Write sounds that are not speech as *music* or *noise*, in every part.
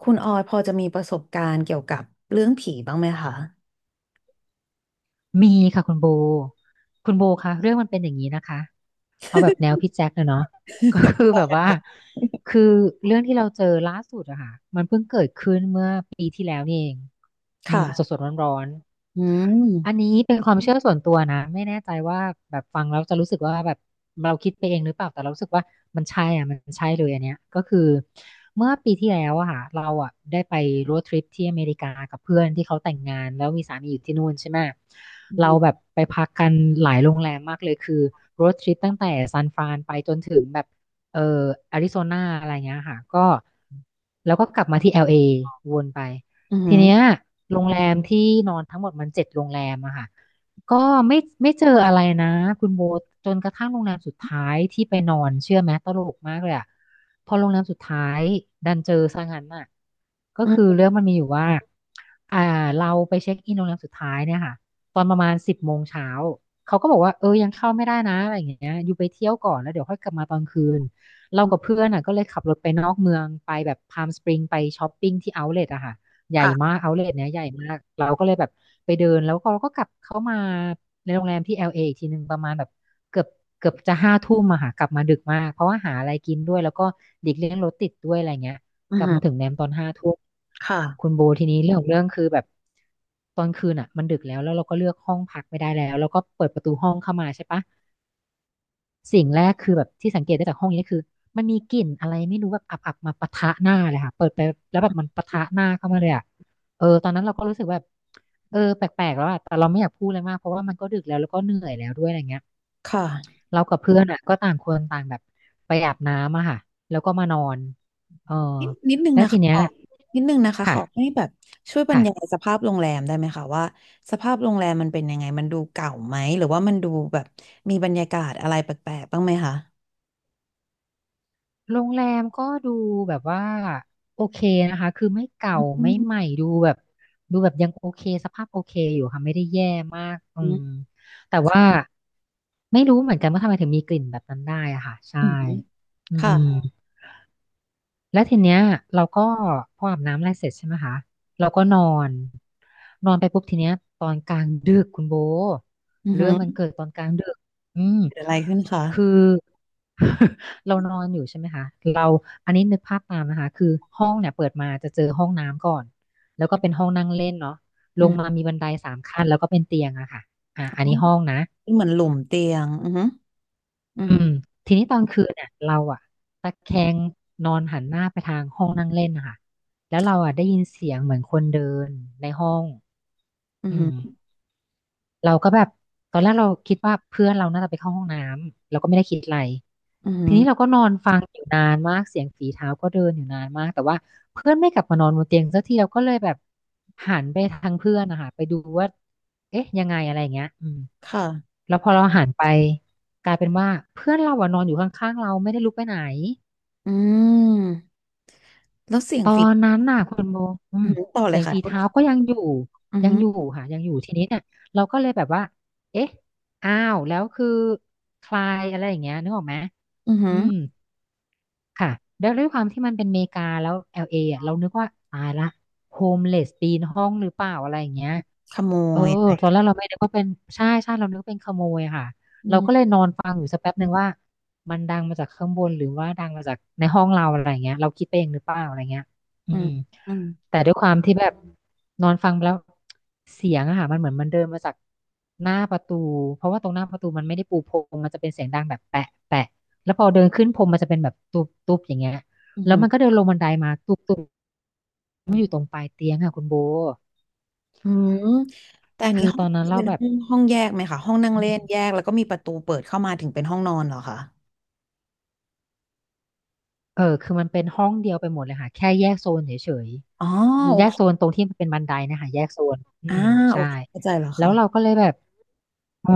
คุณออยพอจะมีประสบการณ์เกี่ยวกับเรื่องผีบ้างไหมคะ มีค่ะคุณโบ คุณโบคะเรื่องมันเป็นอย่างนี้นะคะเอาแบบแนวพี่แจ็คเลยเนาะ *laughs* ก็คือ *laughs* แบบว่าคือเรื่องที่เราเจอล่าสุดอะค่ะ อืมสค่ะดๆร้อนอืมๆอันนี้เป็นความเชื่อส่วนตัวนะไม่แน่ใจว่าแบบฟังแล้วจะรู้สึกว่าแบบเราคิดไปเองหรือเปล่าแต่เรารู้สึกว่ามันใช่อ่ะมันใช่เลยอันเนี้ยก็คือเมื่อปีที่แล้วอะค่ะเราอะได้ไปโรดทริปที่อเมริกากับเพื่อนที่เขาแต่งงานแล้วมีสามีอยู่ที่นู่นใช่ไหมอืเราแบมบไปพักกันหลายโรงแรมมากเลยคือโรดทริปตั้งแต่ซานฟรานไปจนถึงแบบเอ่ออาริโซนาอะไรเงี้ยค่ะก็แล้วก็กลับมาที่แอลเอวนไป อืทีเนี้ยมโรงแรมที่นอนทั้งหมดมัน7 โรงแรมอะค่ะก็ไม่ไม่เจออะไรนะคุณโบทจนกระทั่งโรงแรมสุดท้ายที่ไปนอนเชื่อไหมตลกมากเลยอะพอโรงแรมสุดท้ายดันเจอซะงั้นน่ะก็อืคือมเรื่องมันมีอยู่ว่าอ่าเราไปเช็คอินโรงแรมสุดท้ายเนี่ยค่ะตอนประมาณ10 โมงเช้าเขาก็บอกว่าเออยังเข้าไม่ได้นะอะไรอย่างเงี้ยอยู่ไปเที่ยวก่อนแล้วเดี๋ยวค่อยกลับมาตอนคืนเรากับเพื่อนอ่ะก็เลยขับรถไปนอกเมืองไปแบบพามสปริงไปช้อปปิ้งที่เอาท์เลทอะค่ะ ใหญ่ค่ะมากเอาเลทเนี้ยใหญ่มากเราก็เลยแบบไปเดินแล้วก็เราก็กลับเข้ามาในโรงแรมที่แอลเ a อีกทีหนึ่งประมาณแบบเกือบเกือบจะห้าทุ่มอะค่ะกลับมาดึกมากเพราะว่าหาอะไรกินด้วยแล้วก็เด็กเลี้ยงรถติดด้วยอะไรเงี้ยอืกลับมามถึงแนมตอนห้าทุ่มคุค่ะณโบทีนี้เรื่องของเรื่องคือแบบตอนคืนอ่ะมันดึกแล้วเราก็เลือกห้องพักไม่ได้แล้วก็เปิดประตูห้องเข้ามาใช่ปะ สิ่งแรกคือแบบที่สังเกตได้จากห้องนี้คือมันมีกลิ่นอะไรไม่รู้แบบอับๆมาปะทะหน้าเลยค่ะเปิดไปแล้วแบบมันปะทะหน้าเข้ามาเลยอ่ะเออตอนนั้นเราก็รู้สึกแบบเออแปลกๆแล้วอ่ะแต่เราไม่อยากพูดเลยมากเพราะว่ามันก็ดึกแล้วก็เหนื่อยแล้วด้วยอะไรเงี้ยค่ะเรากับเพื่อนอ่ะก็ต่างคนต่างแบบไปอาบน้ำอะค่ะแล้วก็มานอนเออนิดนึงแล้วนะทีคะเนี้ขยอนิดนึงนะคะขค่ะอให้แบบช่วยบรรยายค่ะ สภาพโรงแรมได้ไหมคะว่าสภาพโรงแรมมันเป็นยังไงมันดูเก่าไหมหรือว่ามันดูแบบมีบรรยากาศอะไรแปลกๆ บ้างไหมคะโรงแรมก็ดูแบบว่าโอเคนะคะคือไม่เก่าอืไม่มใหม่ดูแบบยังโอเคสภาพโอเคอยู่ค่ะไม่ได้แย่มากอือืมมแต่ว่าไม่รู้เหมือนกันว่าทำไมถึงมีกลิ่นแบบนั้นได้อะค่ะใช่อืมอืค่ะม แล้วทีเนี้ยเราก็พออาบน้ำอะไรเสร็จใช่ไหมคะเราก็นอนนอนไปปุ๊บทีเนี้ยตอนกลางดึกคุณโบอืเรื่องมันมเกิดตอนกลางดึกอืมเกิดอะไรขึ้นคะคือ *laughs* เรานอนอยู่ใช่ไหมคะเราอันนี้นึกภาพตามนะคะคือห้องเนี่ยเปิดมาจะเจอห้องน้ำก่อนแล้วก็เป็นห้องนั่งเล่นเนาะลอืงมามมีบันได3 ขั้นแล้วก็เป็นเตียงอะค่ะอ่ะอ๋ออันนี้ห้องนะ เหมือนหลุมเตียง อืมอือืมมทีนี้ตอนคืนเนี่ยเราอะตะแคงนอนหันหน้าไปทางห้องนั่งเล่นนะคะแล้วเราอะได้ยินเสียงเหมือนคนเดินในห้องอือืมมเราก็แบบตอนแรกเราคิดว่าเพื่อนเราน่าจะไปเข้าห้องน้ำเราก็ไม่ได้คิดอะไร อืทีม นี้เราก็นอนฟังอยู่นานมากเสียงฝีเท้าก็เดินอยู่นานมากแต่ว่าเพื่อนไม่กลับมานอนบนเตียงสักทีเราก็เลยแบบหันไปทางเพื่อนนะคะไปดูว่าเอ๊ะยังไงอะไรอย่างเงี้ยอืมค่ะ แล้วพอเราหันไปกลายเป็นว่าเพื่อนเราอะนอนอยู่ข้างๆเราไม่ได้ลุกไปไหนอืมแล้วเสียตงอฝีนนั้นน่ะคุณโบอือืมอหือต่อเลเสียยงค่ะฝีคุณเท้าก็ยังอยู่อือยังหืออยู่ค่ะยังอยู่ทีนี้เนี่ยเราก็เลยแบบว่าเอ๊ะอ้าวแล้วคือใครอะไรอย่างเงี้ยนึกออกไหมอือหือือม ค่ะแล้วด้วยความที่มันเป็นอเมริกาแล้ว LA อลเออ่ะ เรานึกว่าตายละโฮมเลสปีนห้องหรือเปล่าอะไรอย่างเงี้ย ขโมเออยไปตอนแรกเราไม่นึกว่าเป็น ใช่ใช่เรานึกว่าเป็นขโมยอะค่ะ อืเราก็เลยมนอนฟังอยู่สักแป๊บหนึ่งว่า มันดังมาจากข้างบนหรือว่าดังมาจากในห้องเราอะไรเงี้ยเราคิดไปเองหรือเปล่าอะไรเงี้ยอือืมมอืมแต่ด้วยความที่แบบนอนฟังไปแล้วเสียงอะค่ะมันเหมือนมันเดินมาจากหน้าประตู เพราะว่าตรงหน้าประตูมันไม่ได้ปูพรมมันจะเป็นเสียงดังแบบแปะแปะแล้วพอเดินขึ้นพรมมันจะเป็นแบบตุบตุบอย่างเงี้ยอือแล้หวมันก็อเดินลงบันไดมาตุบตุบมันอยู่ตรงปลายเตียงค่ะคุณโบืมแต่อันนี้คือห้อตงอนนั้นคือเราเป็นแบบ ห้องแยกไหมคะห้องนั่งเล่นแยกแล้วก็มีประตูเปิดเข้ามาถึงเป็นห้องนอนเหรอคะเออคือมันเป็นห้องเดียวไปหมดเลยค่ะแค่แยกโซนเฉยอ๋อๆโอแยกเคโซนตรงที่มันเป็นบันไดนะคะแยกโซนอือ่ามโอใช่เคเข้าใจแล้วแล้ค่ะวเราก็เลยแบบเออ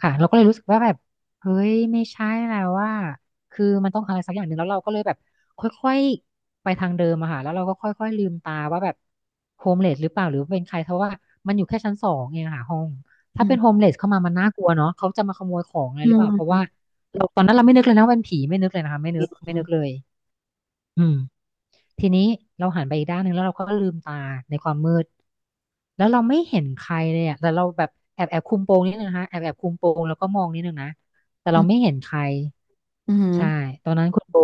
ค่ะเราก็เลยรู้สึกว่าแบบเฮ้ยไม่ใช่แล้วว่า คือมันต้องอะไรสักอย่างหนึ่งแล้วเราก็เลยแบบค่อยๆไปทางเดิมอะค่ะแล้วเราก็ค่อยๆลืมตาว่าแบบโฮมเลสหรือเปล่าหรือว่าเป็นใครเพราะว่ามันอยู่แค่ชั้นสองเองอะค่ะห้องอืถ้าเป็นโฮมมเลสเข้ามามันน่ากลัวเนาะเขาจะมาขโมยของอะไรอืหรือเปมล่าเพราะว่าเราตอนนั้นเราไม่นึกเลยนะว่าเป็นผีไม่นึกเลยนะคะไม่อนึกไม่ืมนึกเลยอืม ทีนี้เราหันไปอีกด้านหนึ่งแล้วเราก็ลืมตาในความมืดแล้วเราไม่เห็นใครเลยอ่ะแต่เราแบบแอบแอบคุมโปงนิดนึงนะคะแอบแอบคุมโปงแล้วก็มองนิดนึงนะแต่อืเราไม่มเห็นใคร อืมอืมใช่ ตอนนั้นคุณโบ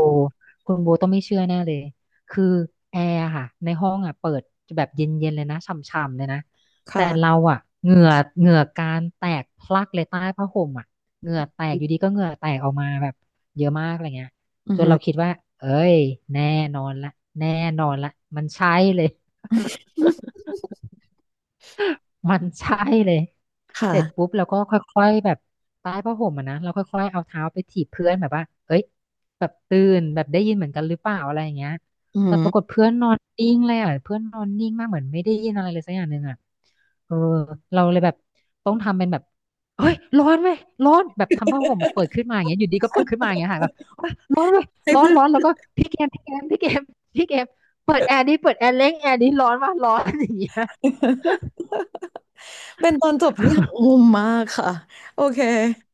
คุณโบต้องไม่เชื่อแน่เลย คือแอร์อะค่ะ ในห้องอ่ะเปิดแบบเย็นๆเลยนะฉ่ำๆเลยนะ แต่เราค่ะอ่ะเหงื่อเหงื่อการแตกพลักเลยใต้ผ้าห่มอ่ะเหงื่อแตกอยู่ดีก็เหงื่อแตกออกมาแบบเยอะมากอะไรเงี้ยอืจอห นเราคิดว่าเอ้ยแน่นอนละแน่นอนละมันใช่เลย *laughs* มันใช่เลย ค่ะเสร็จปุ๊บเราก็ค่อยๆแบบใต้ผ้าห่มอะนะเราค่อยๆเอาเท้าไปถีบเพื่อนแบบว่าเอ้ยแบบตื่นแบบได้ยินเหมือนกันหรือเปล่าอะไรอย่างเงี้ยอือหแต่ปรากฏอเพื่อนนอนนิ่งเลยอ่ะเพื่อนนอนนิ่งมากเหมือนไม่ได้ยินอะไรเลยสักอย่างหนึ่งอ่ะเออเราเลยแบบต้องทำเป็นแบบเฮ้ยร้อนไหมร้อนแบบทำผ้าห่มแบบเปิดขึ้นมาอย่างเงี้ยอยู่ดีก็เปิดขึ้นมาอย่างเงี้ยค่ะแบบโอ๊ยร้อนเว้ยให้ร้อนเพื่อน ร้อนแล้วก็ *laughs* พี่เกมพี่เกมพี่เกมพี่เกมเปิดแอร์ดิเปิดแอร์เล้งแอร์ดิร้อนว่ะร้อน *laughs* อย่างเงี้ย เป็นตอนจบที่หักมุมมากค่ะโอเค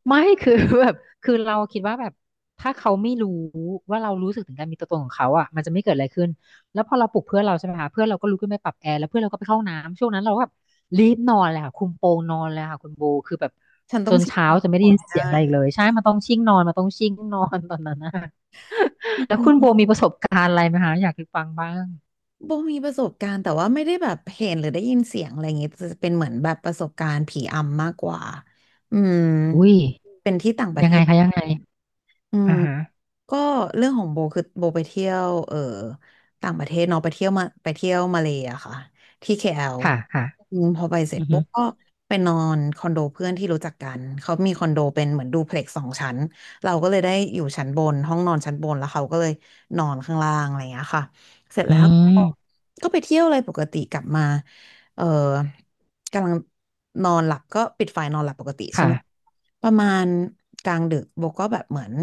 ไม่คือ *laughs* แบบคือเราคิดว่าแบบถ้าเขาไม่รู้ว่าเรารู้สึกถึงการมีตัวตนของเขาอ่ะมันจะไม่เกิดอะไรขึ้นแล้วพอเราปลุกเพื่อนเราใช่ไหมคะเพื่อนเราก็ลุกขึ้นไปปรับแอร์แล้วเพื่อนเราก็ไปเข้าน้ำช่วงนั้นเราก็แบบรีบนอนเลยค่ะคุมโปงนอนเลยค่ะคุณโบคือแบบฉันจต้องนชิมเช้าจะไม่ได้ก่อนยินให้เสีได้ยงอะไรอีกเลยใช่มันต้องชิ่งนอนมันต้องชิ่งนอนตอนนั้นนะ อื *laughs* แล้วคุณโบมมีประสบการณ์อะไรไหมคะอยากฟังบ้างโบมีประสบการณ์แต่ว่าไม่ได้แบบเห็นหรือได้ยินเสียงอะไรอย่างเงี้ยจะเป็นเหมือนแบบประสบการณ์ผีอำมากกว่าอืมอุ้ยเป็นที่ต่างประยัเทงไงศคะยังไงอืม อ่าฮะก็เรื่องของโบคือโบไปเที่ยวต่างประเทศเนาะไปเที่ยวมาไปเที่ยวมาเลยอะค่ะที่ KL อลค่ะค่ะอืมพอไปเสร็จอือฮึปุ๊บก็ไปนอนคอนโดเพื่อนที่รู้จักกันเขามีคอนโดเป็นเหมือนดูเพล็กซ์สองชั้นเราก็เลยได้อยู่ชั้นบนห้องนอนชั้นบนแล้วเขาก็เลยนอนข้างล่างอะไรอย่างเงี้ยค่ะเสร็จอืแล้วก็มก็ไปเที่ยวอะไรปกติกลับมาเออ กำลังนอนหลับก็ปิดไฟนอนหลับปกติใช่ไหมค่ะประมาณกลางดึกโบก็แบบเหมือน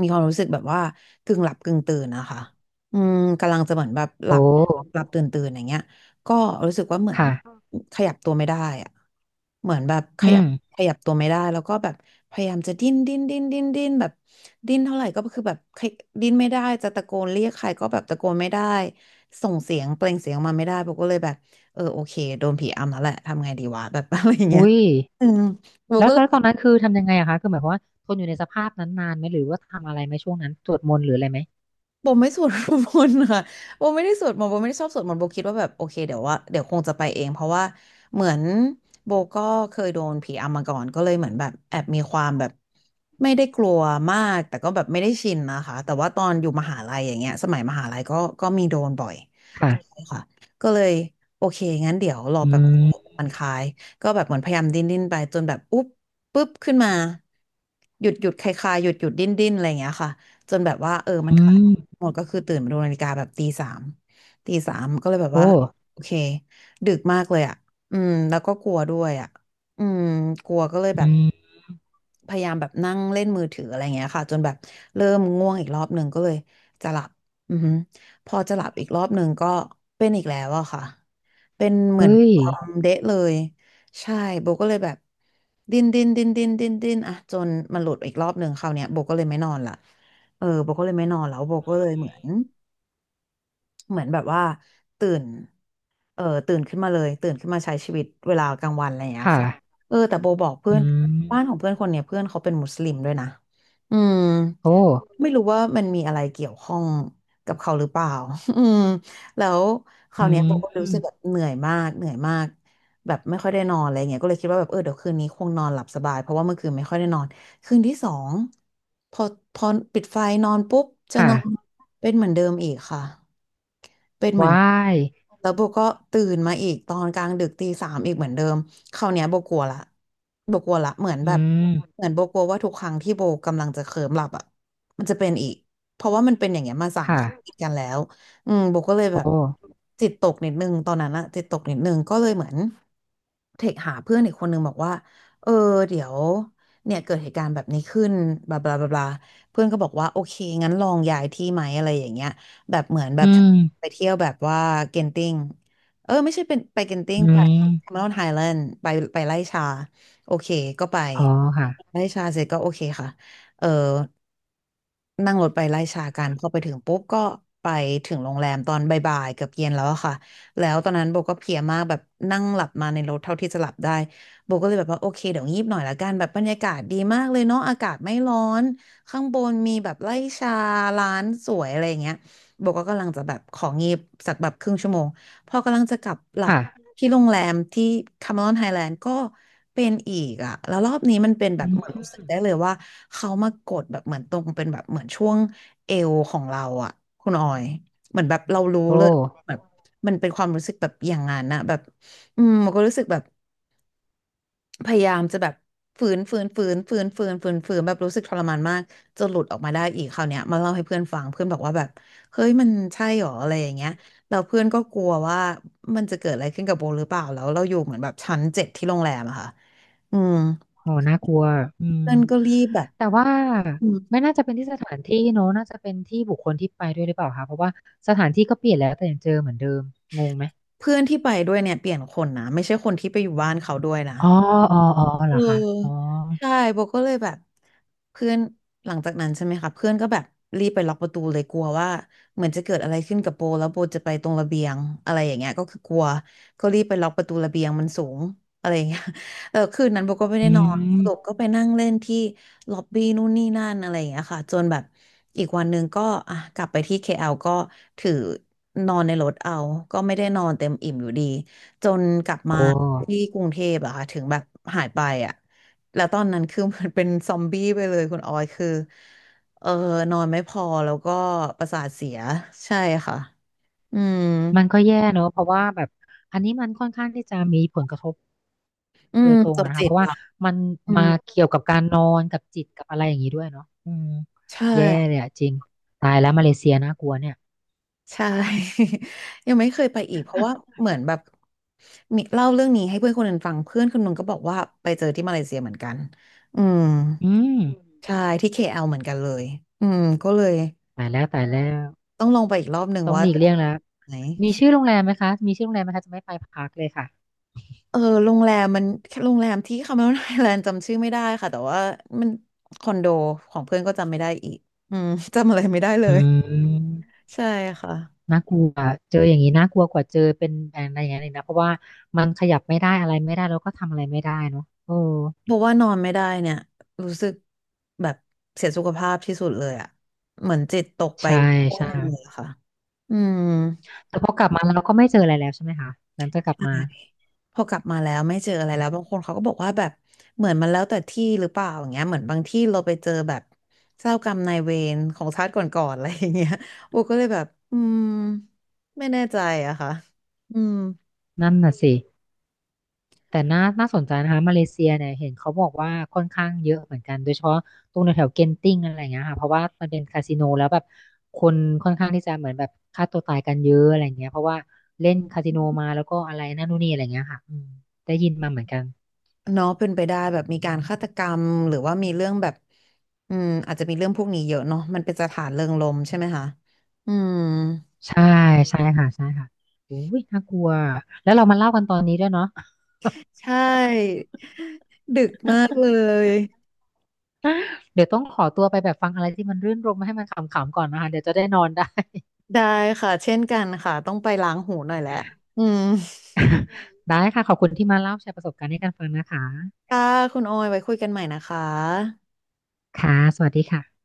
มีความรู้สึกแบบว่ากึ่งหลับกึ่งตื่นนะคะอืมกำลังจะเหมือนแบบหโอลับหลั้บตื่นตื่นอย่างเงี้ยก็รู้สึกว่าเหมือนค่ะขยับตัวไม่ได้อะเหมือนแบบขอืยับขม ยับตัวไม่ได้แล้วก็แบบพยายามจะดิ้นดิ้นดิ้นดิ้นดิ้นแบบดิ้นเท่าไหร่ก็คือแบบขยดิ้นไม่ได้จะตะโกนเรียกใครก็แบบตะโกนไม่ได้ส่งเสียงเปล่งเสียงออกมาไม่ได้โบก็เลยแบบ โอเคโดนผีอำแล้วแหละทำไงดีวะแบบ *laughs* อะไรอย่างเงี้ยอุ้ยอืมโบแล้วก็เลแล้วตอยนนั้นคือทำยังไงอะคะคือหมายความว่าทนอยู่ในสภาพนั้นนานไหมหรือว่าทำอะไรไหมช่วงนั้นสวดมนต์หรืออะไรไหมโบไม่สวดมนต์ค่ะ *laughs* โบไม่ได้สวดมนต์โบไม่ได้ชอบสวดมนต์โบคิดว่าแบบโอเคเดี๋ยวว่าเดี๋ยวคงจะไปเองเพราะว่าเหมือนโบก็เคยโดนผีอำมาก่อนก็เลยเหมือนแบบแอบมีความแบบไม่ได้กลัวมากแต่ก็แบบไม่ได้ชินนะคะแต่ว่าตอนอยู่มหาลัยอย่างเงี้ยสมัยมหาลัยก็มีโดนบ่อย ค่ะค่ะก็เลยโอเคงั้นเดี๋ยวรออืแบบมมันคลายก็แบบเหมือนพยายามดิ้นดิ้นไปจนแบบอุ๊บปุ๊บขึ้นมาหยุดหยุดคลายคลายหยุดหยุดดิ้นดิ้นอะไรอย่างเงี้ยค่ะจนแบบว่ามันอืคลายมหมดก็คือตื่นมาดูนาฬิกาแบบตีสามตีสามก็เลยแบบโอ้ว่าโอเคดึกมากเลยอ่ะอืมแล้วก็กลัวด้วยอ่ะอืมกลัวก็เลยแบอืบมพยายามแบบนั่งเล่นมือถืออะไรเงี้ยค่ะจนแบบเริ่มง่วงอีกรอบหนึ่งก็เลยจะหลับอือฮึ พอจะหลับอีกรอบหนึ่งก็เป็นอีกแล้วอะค่ะ เป็นเหมือนเฮ้ยความเดะเลย ใช่โบก็เลยแบบดิ้นดิ้นดิ้นดิ้นดิ้นดิ้นอะจนมันหลุดอีกรอบหนึ่งคราวเนี้ยโบก็เลยไม่นอนละโบก็เลยไม่นอนแล้วโบก็เลยเหมือนแบบว่าตื่นตื่นขึ้นมาเลยตื่นขึ้นมาใช้ชีวิตเวลากลางวันอะไรอย่างเงี้ยค่ะค่ะอแต่โบบอกเพื่ออืนมบ้านของเพื่อนคนเนี้ยเพื่อนเขาเป็นมุสลิมด้วยนะอืม โอ้ไม่รู้ว่ามันมีอะไรเกี่ยวข้องกับเขาหรือเปล่า *laughs* อืมแล้วคอืราวเนี้ยโบมก็รู้สึกแบบเหนื่อยมากเหนื่อยมากแบบไม่ค่อยได้นอนอะไรเงี้ยก็เลยคิดว่าแบบเดี๋ยวคืนนี้คงนอนหลับสบายเพราะว่าเมื่อคืนไม่ค่อยได้นอนคืนที่สองพอพอปิดไฟนอนปุ๊บจะนอนค่ะเป็นเหมือนเดิมอีกค่ะ เป็นเหมือนว้ายแล้วโบก็ตื่นมาอีกตอนกลางดึกตีสามอีกเหมือนเดิมคราวเนี้ยโบกลัวละโบกลัวละเหมือนอืแบบเหมมือนโบกลัวว่าทุกครั้งที่โบกำลังจะเคลิ้มหลับอ่ะมันจะเป็นอีกเพราะว่ามันเป็นอย่างเงี้ยมาสามครั้งติค่ะดกันแล้วอืมโบก็เลยโอแบบ้จิตตกนิดนึงตอนนั้นอะจิตตกนิดนึงก็เลยเหมือนเทคหาเพื่อนอีกคนนึงบอกว่าเออเดี๋ยวเนี่ยเกิดเหตุการณ์แบบนี้ขึ้นบลาบลาบลาบลาเพื่อนก็บอกว่าโอเคงั้นลองย้ายที่ไหมอะไรอย่างเงี้ย แบบเหมือนแบอืบมไปเที่ยวแบบว่าเกนติ้งไม่ใช่เป็นไปเกนติ้งอืไปแคม e รมอนไฮแลนด์ไปไปไล่ชาโอเคก็ไปอ๋อค่ะไล่ชาเสร็จก็โอเคค่ะเออ นั่งรถไปไล่ชากันพอไปถึงปุ๊บก็ไปถึงโรงแรมตอนบ่ายๆเกือบเย็นแล้วอะค่ะแล้วตอนนั้นโบก็เพลียมากแบบนั่งหลับมาในรถเท่าที่จะหลับได้โบก็เลยแบบว่าโอเคเดี๋ยวงีบหน่อยละกันแบบบรรยากาศดีมากเลยเนาะอากาศไม่ร้อนข้างบนมีแบบไล่ชาร้านสวยอะไรอย่างเงี้ยโบก็กำลังจะแบบของีบสักแบบครึ่งชั่วโมงพอกำลังจะกลับหลับ ค่ะที่โรงแรมที่คาเมรอนไฮแลนด์ก็เป็นอีกอะแล้วรอบนี้มันเป็นแบอืบเหมือนมรู้สึกได้เลยว่าเขามากดแบบเหมือนตรงเป็นแบบเหมือนช่วงเอวของเราอะคุณออยเหมือนแบบเรารู้โอเลยแบ้บมันเป็นความรู้สึกแบบอย่างนั้นนะแบบอืมมันก็รู้สึกแบบ พยายามจะแบบฝืนแบบรู้สึกทรมานมากจนหลุดออกมาได้อีกคราวเนี้ยมาเล่าให้เพื่อนฟังเพื่อนบอกว่าแบบเฮ้ยมันใช่หรออะไรอย่างเงี้ยแล้วเพื่อนก็กลัวว่ามันจะเกิดอะไรขึ้นกับโบหรือเปล่าแล้วเราอยู่เหมือนแบบชั้นเจ็ดที่โรงแรมอะค่ะอืมโหน่ากลัวอืม เพื่อนก็รีบแบบแต่ว่าอืมไม่น่าจะเป็นที่สถานที่เนอะน่าจะเป็นที่บุคคลที่ไปด้วยหรือเปล่าคะเพราะว่าสถานที่ก็เปลี่ยนแล้วแต่ยังเจอเหมือนเดิมงงไหมเพื่อนที่ไปด้วยเนี่ยเปลี่ยนคนนะไม่ใช่คนที่ไปอยู่บ้านเขาด้วยนะ อ๋ออ๋ออ๋อเหรเออคะอ๋ออใช่โบก็เลยแบบเพื่อนหลังจากนั้นใช่ไหมคะเพื่อนก็แบบรีบไปล็อกประตูเลยกลัวว่าเหมือนจะเกิดอะไรขึ้นกับโบแล้วโบจะไปตรงระเบียงอะไรอย่างเงี้ยก็คือกลัวก็รีบไปล็อกประตูระเบียงมันสูงอะไรอย่างเงี้ย *laughs* คืนนั้นโบก็ไม่อืได้นอนสรุปมก็ไปนั่งเล่นที่ล็อบบี้นู่นนี่นั่นอะไรอย่างเงี้ยค่ะจนแบบอีกวันหนึ่งก็อ่ะกลับไปที่ KL ก็ถือนอนในรถเอาก็ไม่ได้นอนเต็มอิ่มอยู่ดี จนกลับโอมาที่้กรุงเทพอะค่ะถึงแบบหายไปอะแล้วตอนนั้นคือเหมันเป็นซอมบี้ไปเลยคุณออยคือเออนอนไม่พอแล้วก็ประสาทเสียใช่ค่ะอืมมันก็แย่เนอะเพราะว่าแบบอันนี้มันค่อนข้างที่จะมีผลกระทบอืโดมยตรงจอะบนะคะจิเพตราะว่าละมันอืมามเกี่ยวกับการนอนกับจิตกับอะไรอย่างนี้ด้วยเนาะอืมใชแย่่เลยอะจริงตายแล้วมาเลเซียน่ากลัวเนี่ยใช่ *laughs* ยังไม่เคยไปอีกเพราะว่าเหมือนแบบมีเล่าเรื่องนี้ให้เพื่อนคนหนึ่งฟังเพื่อนคนหนึงก็บอกว่าไปเจอที่มาเลเซียเหมือนกันอืมอืมใช่ที่ KL เหมือนกันเลยอืมก็เลย ตายแล้วตายแล้ว ต้องลองไปอีกรอบหนึ่งต้องว่าหลีกจะเลี่ยงแล้ว ไหนมีชื่อโรงแรมไหมคะมีชื่อโรงแรมไหมคะจะไม่ไปพักเลยค่ะเออโรงแรมมัน *laughs* โรงแรมที่คาเมรนไอแลนด์จำชื่อไม่ได้ค่ะแต่ว่ามัน *laughs* คอนโดของเพื่อนก็จำไม่ได้อีกอืมจำอะไรไม่ได้เลอืยมใช่ค่ะน่ากลัวเจออย่างนี้น่ากลัวกว่าเจอเป็นอะไรอย่างนั้นอีกนะเพราะว่ามันขยับไม่ได้อะไรไม่ได้แล้วก็ทำอะไรไม่ได้เนาะโอ้ เพราะว่านอนไม่ได้เนี่ยรู้สึกแบบเสียสุขภาพที่สุดเลยอ่ะเหมือนจิตตกไปใช่พวกใช่นึงเลยอะค่ะอืม แต่พอกลับมาเราก็ไม่เจออะไรแล้วใช่ไหมคะหลังจากกลับมาพอกลับมาแล้วไม่เจออะไรแล้วบางคนเขาก็บอกว่าแบบเหมือนมันแล้วแต่ที่หรือเปล่าอย่างเงี้ยเหมือนบางที่เราไปเจอแบบเจ้ากรรมนายเวรของชาติก่อนๆอะไรอย่างเงี้ยโบก็เลยแบบอืมไม่แน่ใจอะค่ะอืมนั่นน่ะสิ แต่น่าน่าสนใจนะคะมาเลเซียเนี่ยเห็นเขาบอกว่าค่อนข้างเยอะเหมือนกันโดยเฉพาะตรงแถวๆเกนติ้งอะไรอย่างเงี้ยค่ะเพราะว่ามันเป็นคาสิโนแล้วแบบคนค่อนข้างที่จะเหมือนแบบฆ่าตัวตายกันเยอะอะไรอย่างเงี้ยเพราะว่าเล่นคาสิโนมาแล้วก็อะไรนั่นนู่นนี่อะไรอย่างเงี้ยค่ะอืมได้ยินมาเหมือนกันเนาะเป็นไปได้แบบมีการฆาตกรรมหรือว่ามีเรื่องแบบอืมอาจจะมีเรื่องพวกนี้เยอะเนาะมันเป็นสถานเริงรมย์ใช่ไหมคะอืมใช่ใช่ค่ะใช่ค่ะอุ้ยน่ากลัวแล้วเรามาเล่ากันตอนนี้ด้วยเนาะ ใช่ดึกมาก *laughs* เลยเดี๋ยวต้องขอตัวไปแบบฟังอะไรที่มันรื่นรมให้มันขำๆก่อนนะคะเดี๋ยวจะได้นอนได้ *laughs* ได้ค่ะเช่นกันค่ะต้องไปล้างหูหน่อยแหละอืม ได้ค่ะขอบคุณที่มาเล่าแชร์ประสบการณ์ให้กันฟังนะคะค่ะคุณโออยไว้คุยกันใหม่นะคะค่ะสวัสดีค่ะ